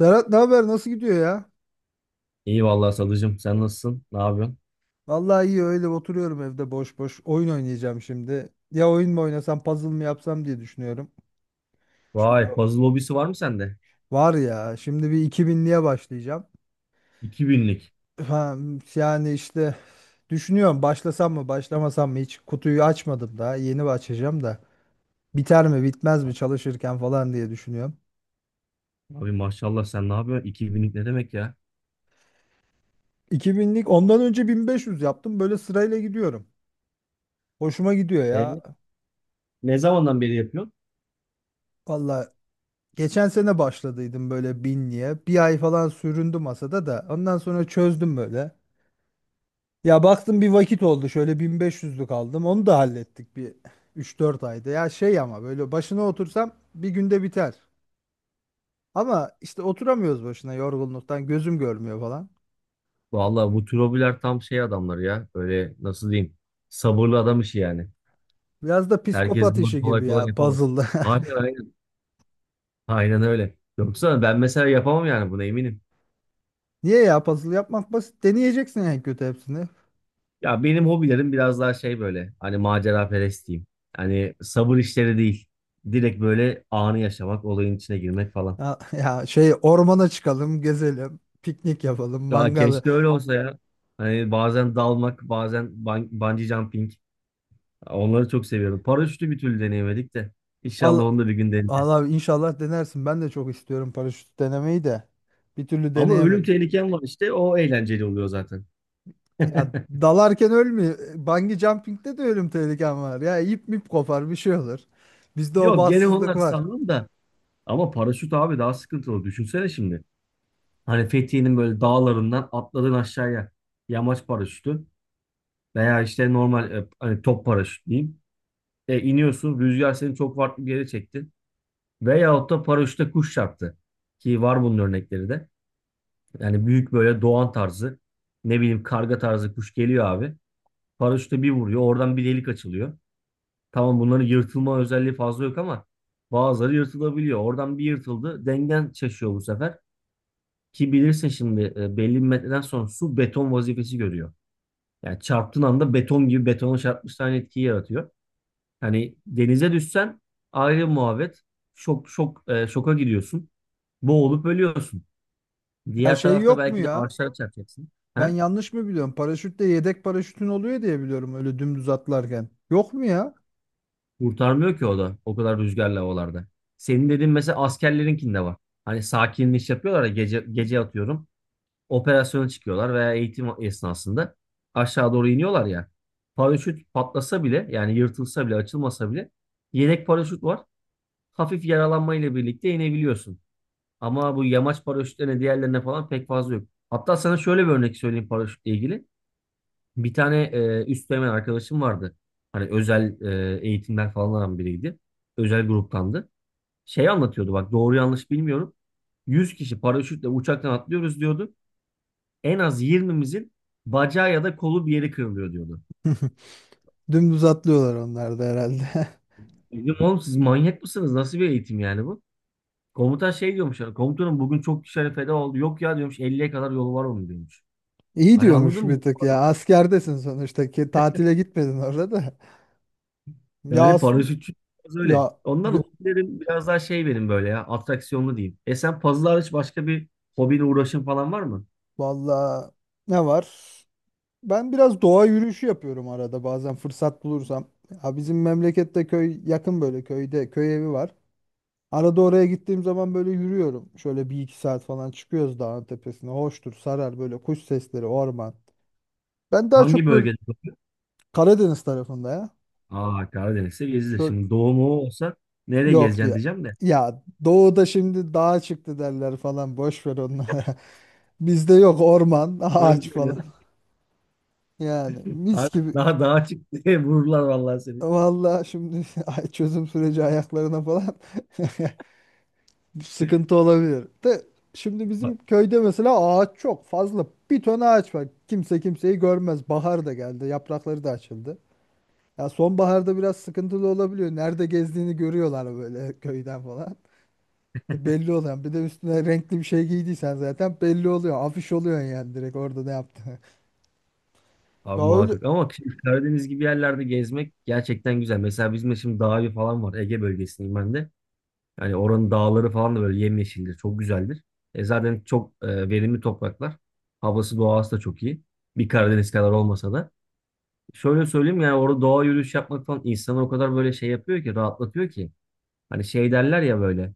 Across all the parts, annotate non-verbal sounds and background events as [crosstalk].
Serhat, ne haber? Nasıl gidiyor ya? İyi vallahi Sadıcığım. Sen nasılsın? Ne yapıyorsun? Vallahi iyi, öyle oturuyorum evde boş boş. Oyun oynayacağım şimdi. Ya oyun mu oynasam, puzzle mı yapsam diye düşünüyorum. Şimdi Vay o- puzzle hobisi var mı sende? Var ya, şimdi bir 2000'liğe başlayacağım. 2000'lik. Ha, yani işte düşünüyorum, başlasam mı başlamasam mı, hiç kutuyu açmadım daha. Yeni açacağım da. Biter mi bitmez mi çalışırken falan diye düşünüyorum. Abi maşallah sen ne yapıyorsun? 2000'lik ne demek ya? 2000'lik, ondan önce 1500 yaptım. Böyle sırayla gidiyorum. Hoşuma gidiyor ya. E, Ne zamandan beri yapıyorsun? Vallahi, geçen sene başladıydım böyle binliğe. Bir ay falan süründü masada da. Ondan sonra çözdüm böyle. Ya baktım bir vakit oldu. Şöyle 1500'lük aldım. Onu da hallettik bir üç dört ayda. Ya şey, ama böyle başına otursam bir günde biter. Ama işte oturamıyoruz başına yorgunluktan. Gözüm görmüyor falan. Vallahi bu tür hobiler tam şey adamları ya. Böyle nasıl diyeyim? Sabırlı adam işi yani. Biraz da Herkes psikopat bunu işi kolay gibi kolay ya yapamaz. puzzle'da. Aynen aynen. Aynen öyle. Yoksa ben mesela yapamam yani buna eminim. [laughs] Niye ya, puzzle yapmak basit. Deneyeceksin en kötü hepsini. Ya benim hobilerim biraz daha şey böyle. Hani macera perest diyeyim. Hani sabır işleri değil. Direkt böyle anı yaşamak, olayın içine girmek falan. Ya, ya şey, ormana çıkalım, gezelim, piknik yapalım, Ya mangalı. keşke öyle olsa ya. Hani bazen dalmak, bazen bungee jumping. Onları çok seviyorum. Paraşütü bir türlü deneyemedik de. İnşallah Al, onu da bir gün Allah deneyeceğiz. abi, inşallah denersin. Ben de çok istiyorum paraşüt denemeyi de. Bir türlü Ama ölüm deneyemedim. tehlikem var işte. O eğlenceli oluyor zaten. Ya [laughs] dalarken ölmüyor. Bungee jumping'de de ölüm tehlikem var. Ya ip mip kopar, bir şey olur. Bizde o Yok gene bahtsızlık onlar var. sanırım da. Ama paraşüt abi daha sıkıntılı. Düşünsene şimdi. Hani Fethiye'nin böyle dağlarından atladın aşağıya. Yamaç paraşütü. Veya işte normal hani top paraşüt diyeyim. İniyorsun. Rüzgar seni çok farklı bir yere çekti. Veyahut da paraşütle kuş çarptı. Ki var bunun örnekleri de. Yani büyük böyle doğan tarzı, ne bileyim karga tarzı kuş geliyor abi. Paraşütle bir vuruyor, oradan bir delik açılıyor. Tamam, bunların yırtılma özelliği fazla yok ama bazıları yırtılabiliyor. Oradan bir yırtıldı, dengen şaşıyor bu sefer. Ki bilirsin şimdi belli bir metreden sonra su beton vazifesi görüyor. Yani çarptığın anda beton gibi, betona çarpmış aynı etkiyi yaratıyor. Hani denize düşsen ayrı muhabbet. Şok şok, şoka gidiyorsun. Boğulup ölüyorsun. Ya Diğer şey, tarafta yok mu belki de ya? ağaçlara çarpacaksın. Ben Ha? yanlış mı biliyorum? Paraşütte yedek paraşütün oluyor diye biliyorum, öyle dümdüz atlarken. Yok mu ya? Kurtarmıyor ki o da o kadar rüzgarlı havalarda. Senin dediğin mesela askerlerinkinde var. Hani sakinleş yapıyorlar ya gece, gece atıyorum. Operasyona çıkıyorlar veya eğitim esnasında aşağı doğru iniyorlar ya. Paraşüt patlasa bile, yani yırtılsa bile, açılmasa bile yedek paraşüt var. Hafif yaralanmayla birlikte inebiliyorsun. Ama bu yamaç paraşütlerine, diğerlerine falan pek fazla yok. Hatta sana şöyle bir örnek söyleyeyim paraşütle ilgili. Bir tane üst dönem arkadaşım vardı. Hani özel eğitimler falan alan biriydi. Özel gruptandı. Şey anlatıyordu bak, doğru yanlış bilmiyorum. 100 kişi paraşütle uçaktan atlıyoruz diyordu. En az 20'mizin bacağı ya da kolu, bir yeri kırılıyor diyordu. [laughs] Dümdüz atlıyorlar onlar da herhalde. [laughs] Dedim oğlum, siz manyak mısınız? Nasıl bir eğitim yani bu? Komutan şey diyormuş. Komutanım bugün çok kişi feda oldu. Yok ya diyormuş, 50'ye kadar yolu var onun diyormuş. İyi Hani diyormuş anladın mı? bir tık ya. Askerdesin sonuçta ki, tatile gitmedin orada da. Ya Yani aslında, paraşütçü biraz öyle. Ya, Ondan y- hobilerim biraz daha şey benim, böyle ya, atraksiyonlu diyeyim. Sen puzzle hariç başka bir hobine uğraşın falan var mı? valla ne var? Ben biraz doğa yürüyüşü yapıyorum arada, bazen fırsat bulursam. Ya bizim memlekette köy yakın, böyle köyde köy evi var. Arada oraya gittiğim zaman böyle yürüyorum. Şöyle bir iki saat falan çıkıyoruz dağın tepesine. Hoştur, sarar böyle kuş sesleri, orman. Ben daha Hangi çok böyle bölgede? Karadeniz tarafında ya. Aa, Karadeniz'de gezilir. Şöyle Şimdi doğu mu olsa nereye yok gezeceksin ya. diyeceğim de. Ya doğuda şimdi dağa çıktı derler falan, boş ver onları. [laughs] Bizde yok orman, [laughs] Öyle ağaç falan. söylüyorum. Yani mis Abi gibi. daha daha çık [laughs] diye vururlar vallahi seni. Vallahi şimdi [laughs] çözüm süreci ayaklarına falan [laughs] sıkıntı olabilir. De şimdi Bak, bizim köyde mesela ağaç çok fazla. Bir ton ağaç var. Kimse kimseyi görmez. Bahar da geldi. Yaprakları da açıldı. Ya sonbaharda biraz sıkıntılı olabiliyor. Nerede gezdiğini görüyorlar böyle [laughs] köyden falan. E, belli olan. Bir de üstüne renkli bir şey giydiysen zaten belli oluyor. Afiş oluyor yani, direkt orada ne yaptığını. [laughs] abi Ya öyle. muhakkak ama şimdi Karadeniz gibi yerlerde gezmek gerçekten güzel. Mesela bizim de şimdi Dağ Evi falan var. Ege bölgesindeyim ben de. Yani oranın dağları falan da böyle yemyeşildir. Çok güzeldir. Zaten çok verimli topraklar. Havası, doğası da çok iyi. Bir Karadeniz kadar olmasa da. Şöyle söyleyeyim, yani orada doğa yürüyüş yapmak falan insanı o kadar böyle şey yapıyor ki, rahatlatıyor ki. Hani şey derler ya böyle.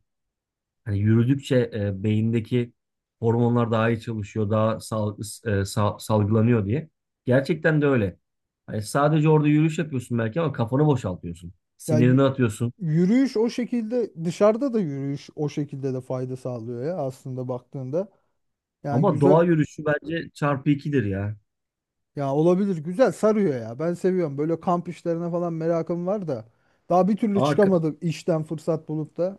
Hani yürüdükçe beyindeki hormonlar daha iyi çalışıyor, daha salgılanıyor diye. Gerçekten de öyle. Hani sadece orada yürüyüş yapıyorsun belki ama kafanı boşaltıyorsun. Ya yü- Sinirini atıyorsun. Yürüyüş o şekilde, dışarıda da yürüyüş o şekilde de fayda sağlıyor ya aslında baktığında. Yani Ama güzel, doğa yürüyüşü bence çarpı ikidir ya. ya olabilir, güzel sarıyor ya. Ben seviyorum. Böyle kamp işlerine falan merakım var da daha bir türlü Aa, çıkamadım işten fırsat bulup da,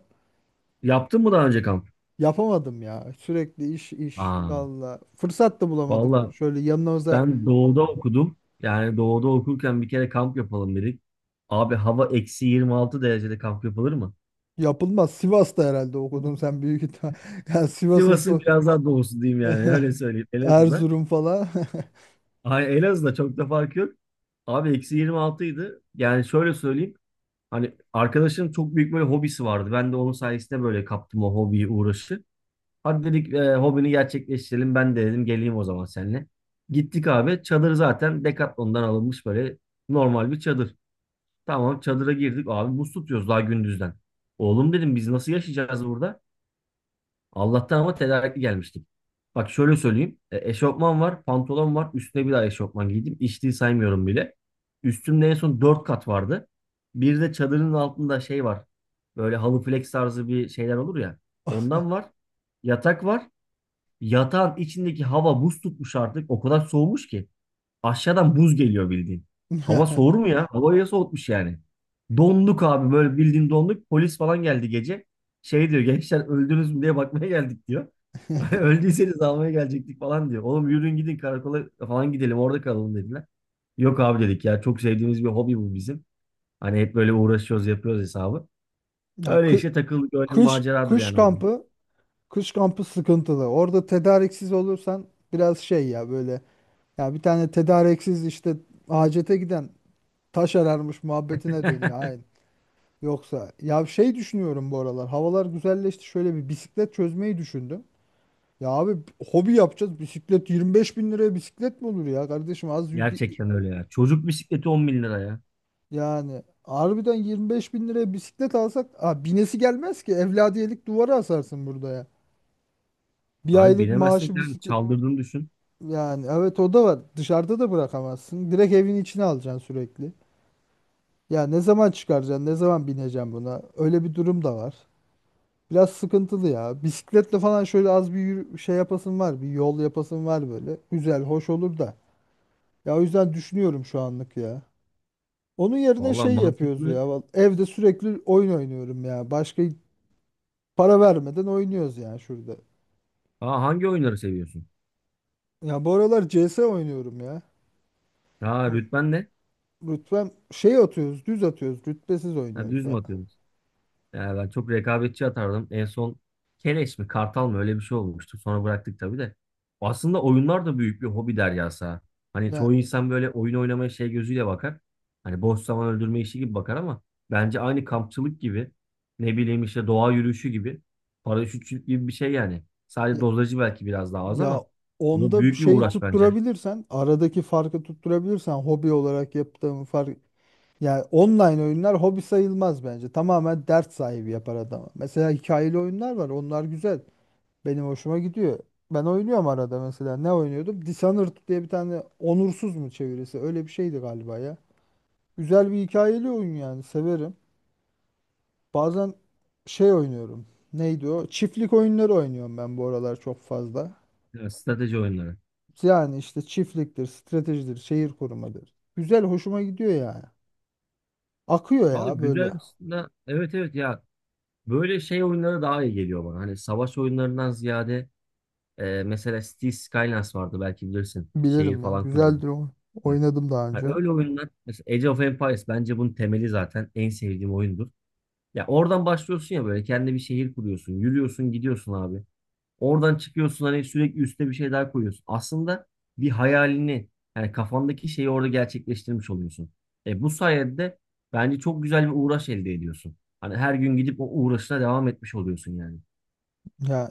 yaptın mı daha önce kamp? yapamadım ya. Sürekli iş iş Aa, valla. Fırsat da bulamadık. valla Şöyle yanımıza, ben doğuda okudum. Yani doğuda okurken bir kere kamp yapalım dedik. Abi hava eksi 26 derecede kamp yapılır mı? yapılmaz. Sivas'ta herhalde okudun sen, büyük ihtimal. [laughs] Yani Sivas'ın Sivas'ın su biraz daha doğusu diyeyim, yani [laughs] öyle söyleyeyim, Elazığ'da. Erzurum falan. [laughs] Ay, Elazığ'da çok da fark yok. Abi eksi 26 idi. Yani şöyle söyleyeyim. Hani arkadaşım çok büyük böyle hobisi vardı. Ben de onun sayesinde böyle kaptım o hobiyi, uğraşı. Hadi dedik hobini gerçekleştirelim. Ben de dedim geleyim o zaman seninle. Gittik abi. Çadır zaten Decathlon'dan alınmış, böyle normal bir çadır. Tamam, çadıra girdik abi, buz tutuyoruz daha gündüzden. Oğlum dedim, biz nasıl yaşayacağız burada? Allah'tan ama tedarikli gelmiştik. Bak şöyle söyleyeyim. Eşofman var, pantolon var. Üstüne bir daha eşofman giydim. İçtiği saymıyorum bile. Üstümde en son 4 kat vardı. Bir de çadırın altında şey var. Böyle halı, flex tarzı bir şeyler olur ya. Ondan var. Yatak var. Yatağın içindeki hava buz tutmuş artık. O kadar soğumuş ki. Aşağıdan buz geliyor bildiğin. Hava soğur mu [laughs] ya? Havayı soğutmuş yani. Donduk abi, böyle bildiğin donduk. Polis falan geldi gece. Şey diyor, gençler öldünüz mü diye bakmaya geldik diyor. [laughs] Öldüyseniz almaya gelecektik falan diyor. Oğlum yürüyün gidin karakola falan, gidelim orada kalalım dediler. Yok abi dedik ya, çok sevdiğimiz bir hobi bu bizim. Hani hep böyle uğraşıyoruz, yapıyoruz hesabı. Ya Öyle kı- işte takıldık, öyle Kış maceradır kış yani bu da. kampı kış kampı sıkıntılı. Orada tedariksiz olursan biraz şey ya böyle, ya bir tane tedariksiz işte, hacete giden taş ararmış muhabbetine dönüyor. [laughs] Aynen. Yoksa ya şey, düşünüyorum bu aralar. Havalar güzelleşti. Şöyle bir bisiklet çözmeyi düşündüm. Ya abi, hobi yapacağız. Bisiklet 25 bin liraya bisiklet mi olur ya kardeşim? Az bir Gerçekten öyle ya. Çocuk bisikleti 10 bin lira ya. yani harbiden 25 bin liraya bisiklet alsak, aa, binesi gelmez ki. Evladiyelik, duvara asarsın burada ya. Bir Abi aylık bilemezsin maaşı ki abi. bisiklet. Çaldırdığını düşün. Yani evet, o da var. Dışarıda da bırakamazsın. Direkt evin içine alacaksın sürekli. Ya ne zaman çıkaracaksın? Ne zaman bineceksin buna? Öyle bir durum da var. Biraz sıkıntılı ya. Bisikletle falan şöyle az bir şey yapasın var. Bir yol yapasın var böyle. Güzel, hoş olur da. Ya o yüzden düşünüyorum şu anlık ya. Onun yerine Valla şey yapıyoruz mantıklı. ya. Evde sürekli oyun oynuyorum ya. Başka para vermeden oynuyoruz ya şurada. Aa, hangi oyunları seviyorsun? Ya bu aralar C S oynuyorum ya. Ha, Çok rütben ne? rütbem şey, atıyoruz, düz atıyoruz. Rütbesiz Ha, oynuyoruz düz mü ya. atıyorsunuz? Ya ben çok rekabetçi atardım. En son Keleş mi Kartal mı öyle bir şey olmuştu. Sonra bıraktık tabii de. Aslında oyunlar da büyük bir hobi deryası ha. Hani Ya çoğu insan böyle oyun oynamaya şey gözüyle bakar. Hani boş zaman öldürme işi gibi bakar ama bence aynı kampçılık gibi, ne bileyim işte doğa yürüyüşü gibi, paraşütçülük gibi bir şey yani. Sadece Ya, dozajı belki biraz daha az ya, ama bu da onda bir büyük bir şeyi uğraş bence. tutturabilirsen, aradaki farkı tutturabilirsen, hobi olarak yaptığım fark, yani online oyunlar hobi sayılmaz bence. Tamamen dert sahibi yapar adamı. Mesela hikayeli oyunlar var. Onlar güzel. Benim hoşuma gidiyor. Ben oynuyorum arada mesela. Ne oynuyordum? Dishonored diye bir tane, onursuz mu çevirisi? Öyle bir şeydi galiba ya. Güzel bir hikayeli oyun yani. Severim. Bazen şey oynuyorum. Neydi o? Çiftlik oyunları oynuyorum ben bu aralar çok fazla. Ya, strateji oyunları. Yani işte çiftliktir, stratejidir, şehir korumadır. Güzel, hoşuma gidiyor yani. Akıyor Valla ya güzel böyle. aslında. Evet evet ya, böyle şey oyunları daha iyi geliyor bana. Hani savaş oyunlarından ziyade mesela Cities Skylines vardı, belki bilirsin. Şehir Bilirim ya. falan kuruyorlar. Güzeldir o. Oynadım daha Ha, önce. öyle oyunlar mesela Age of Empires bence bunun temeli, zaten en sevdiğim oyundur. Ya oradan başlıyorsun ya, böyle kendi bir şehir kuruyorsun. Yürüyorsun gidiyorsun abi. Oradan çıkıyorsun, hani sürekli üstüne bir şey daha koyuyorsun. Aslında bir hayalini, yani kafandaki şeyi orada gerçekleştirmiş oluyorsun. E bu sayede de bence çok güzel bir uğraş elde ediyorsun. Hani her gün gidip o uğraşına devam etmiş oluyorsun yani. Ya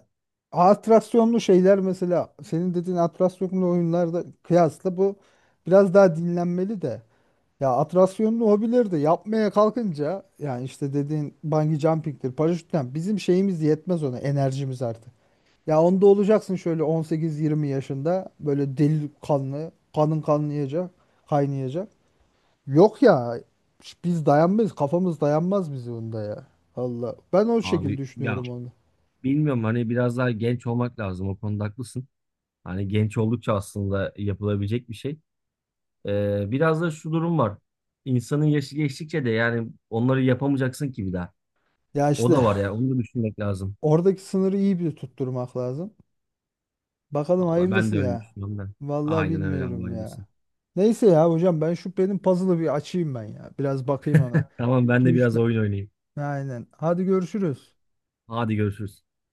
atraksiyonlu şeyler, mesela senin dediğin atraksiyonlu oyunlarda kıyasla bu biraz daha dinlenmeli de. Ya atraksiyonlu hobileri de yapmaya kalkınca, yani işte dediğin bungee jumping'tir, paraşütten bizim şeyimiz yetmez ona, enerjimiz artık. Ya onda olacaksın şöyle 18-20 yaşında, böyle deli kanlı, kanın kaynayacak. Yok ya, biz dayanmayız, kafamız dayanmaz bizi onda ya. Allah, ben o şekilde Abi ya, düşünüyorum onu. bilmiyorum, hani biraz daha genç olmak lazım, o konuda haklısın. Hani genç oldukça aslında yapılabilecek bir şey. Biraz da şu durum var. İnsanın yaşı geçtikçe de yani onları yapamayacaksın ki bir daha. Ya O işte da var ya, onu da düşünmek lazım. [laughs] oradaki sınırı iyi bir tutturmak lazım. Bakalım Valla ben hayırlısı de öyle ya. düşünüyorum da. Vallahi Aynen öyle abi, bilmiyorum hayırlısı. ya. Neyse ya hocam, ben şu benim puzzle'ı bir açayım ben ya. Biraz bakayım ona. Tamam, ben 2 de üç. biraz oyun oynayayım. Aynen. Hadi görüşürüz. Hadi görüşürüz.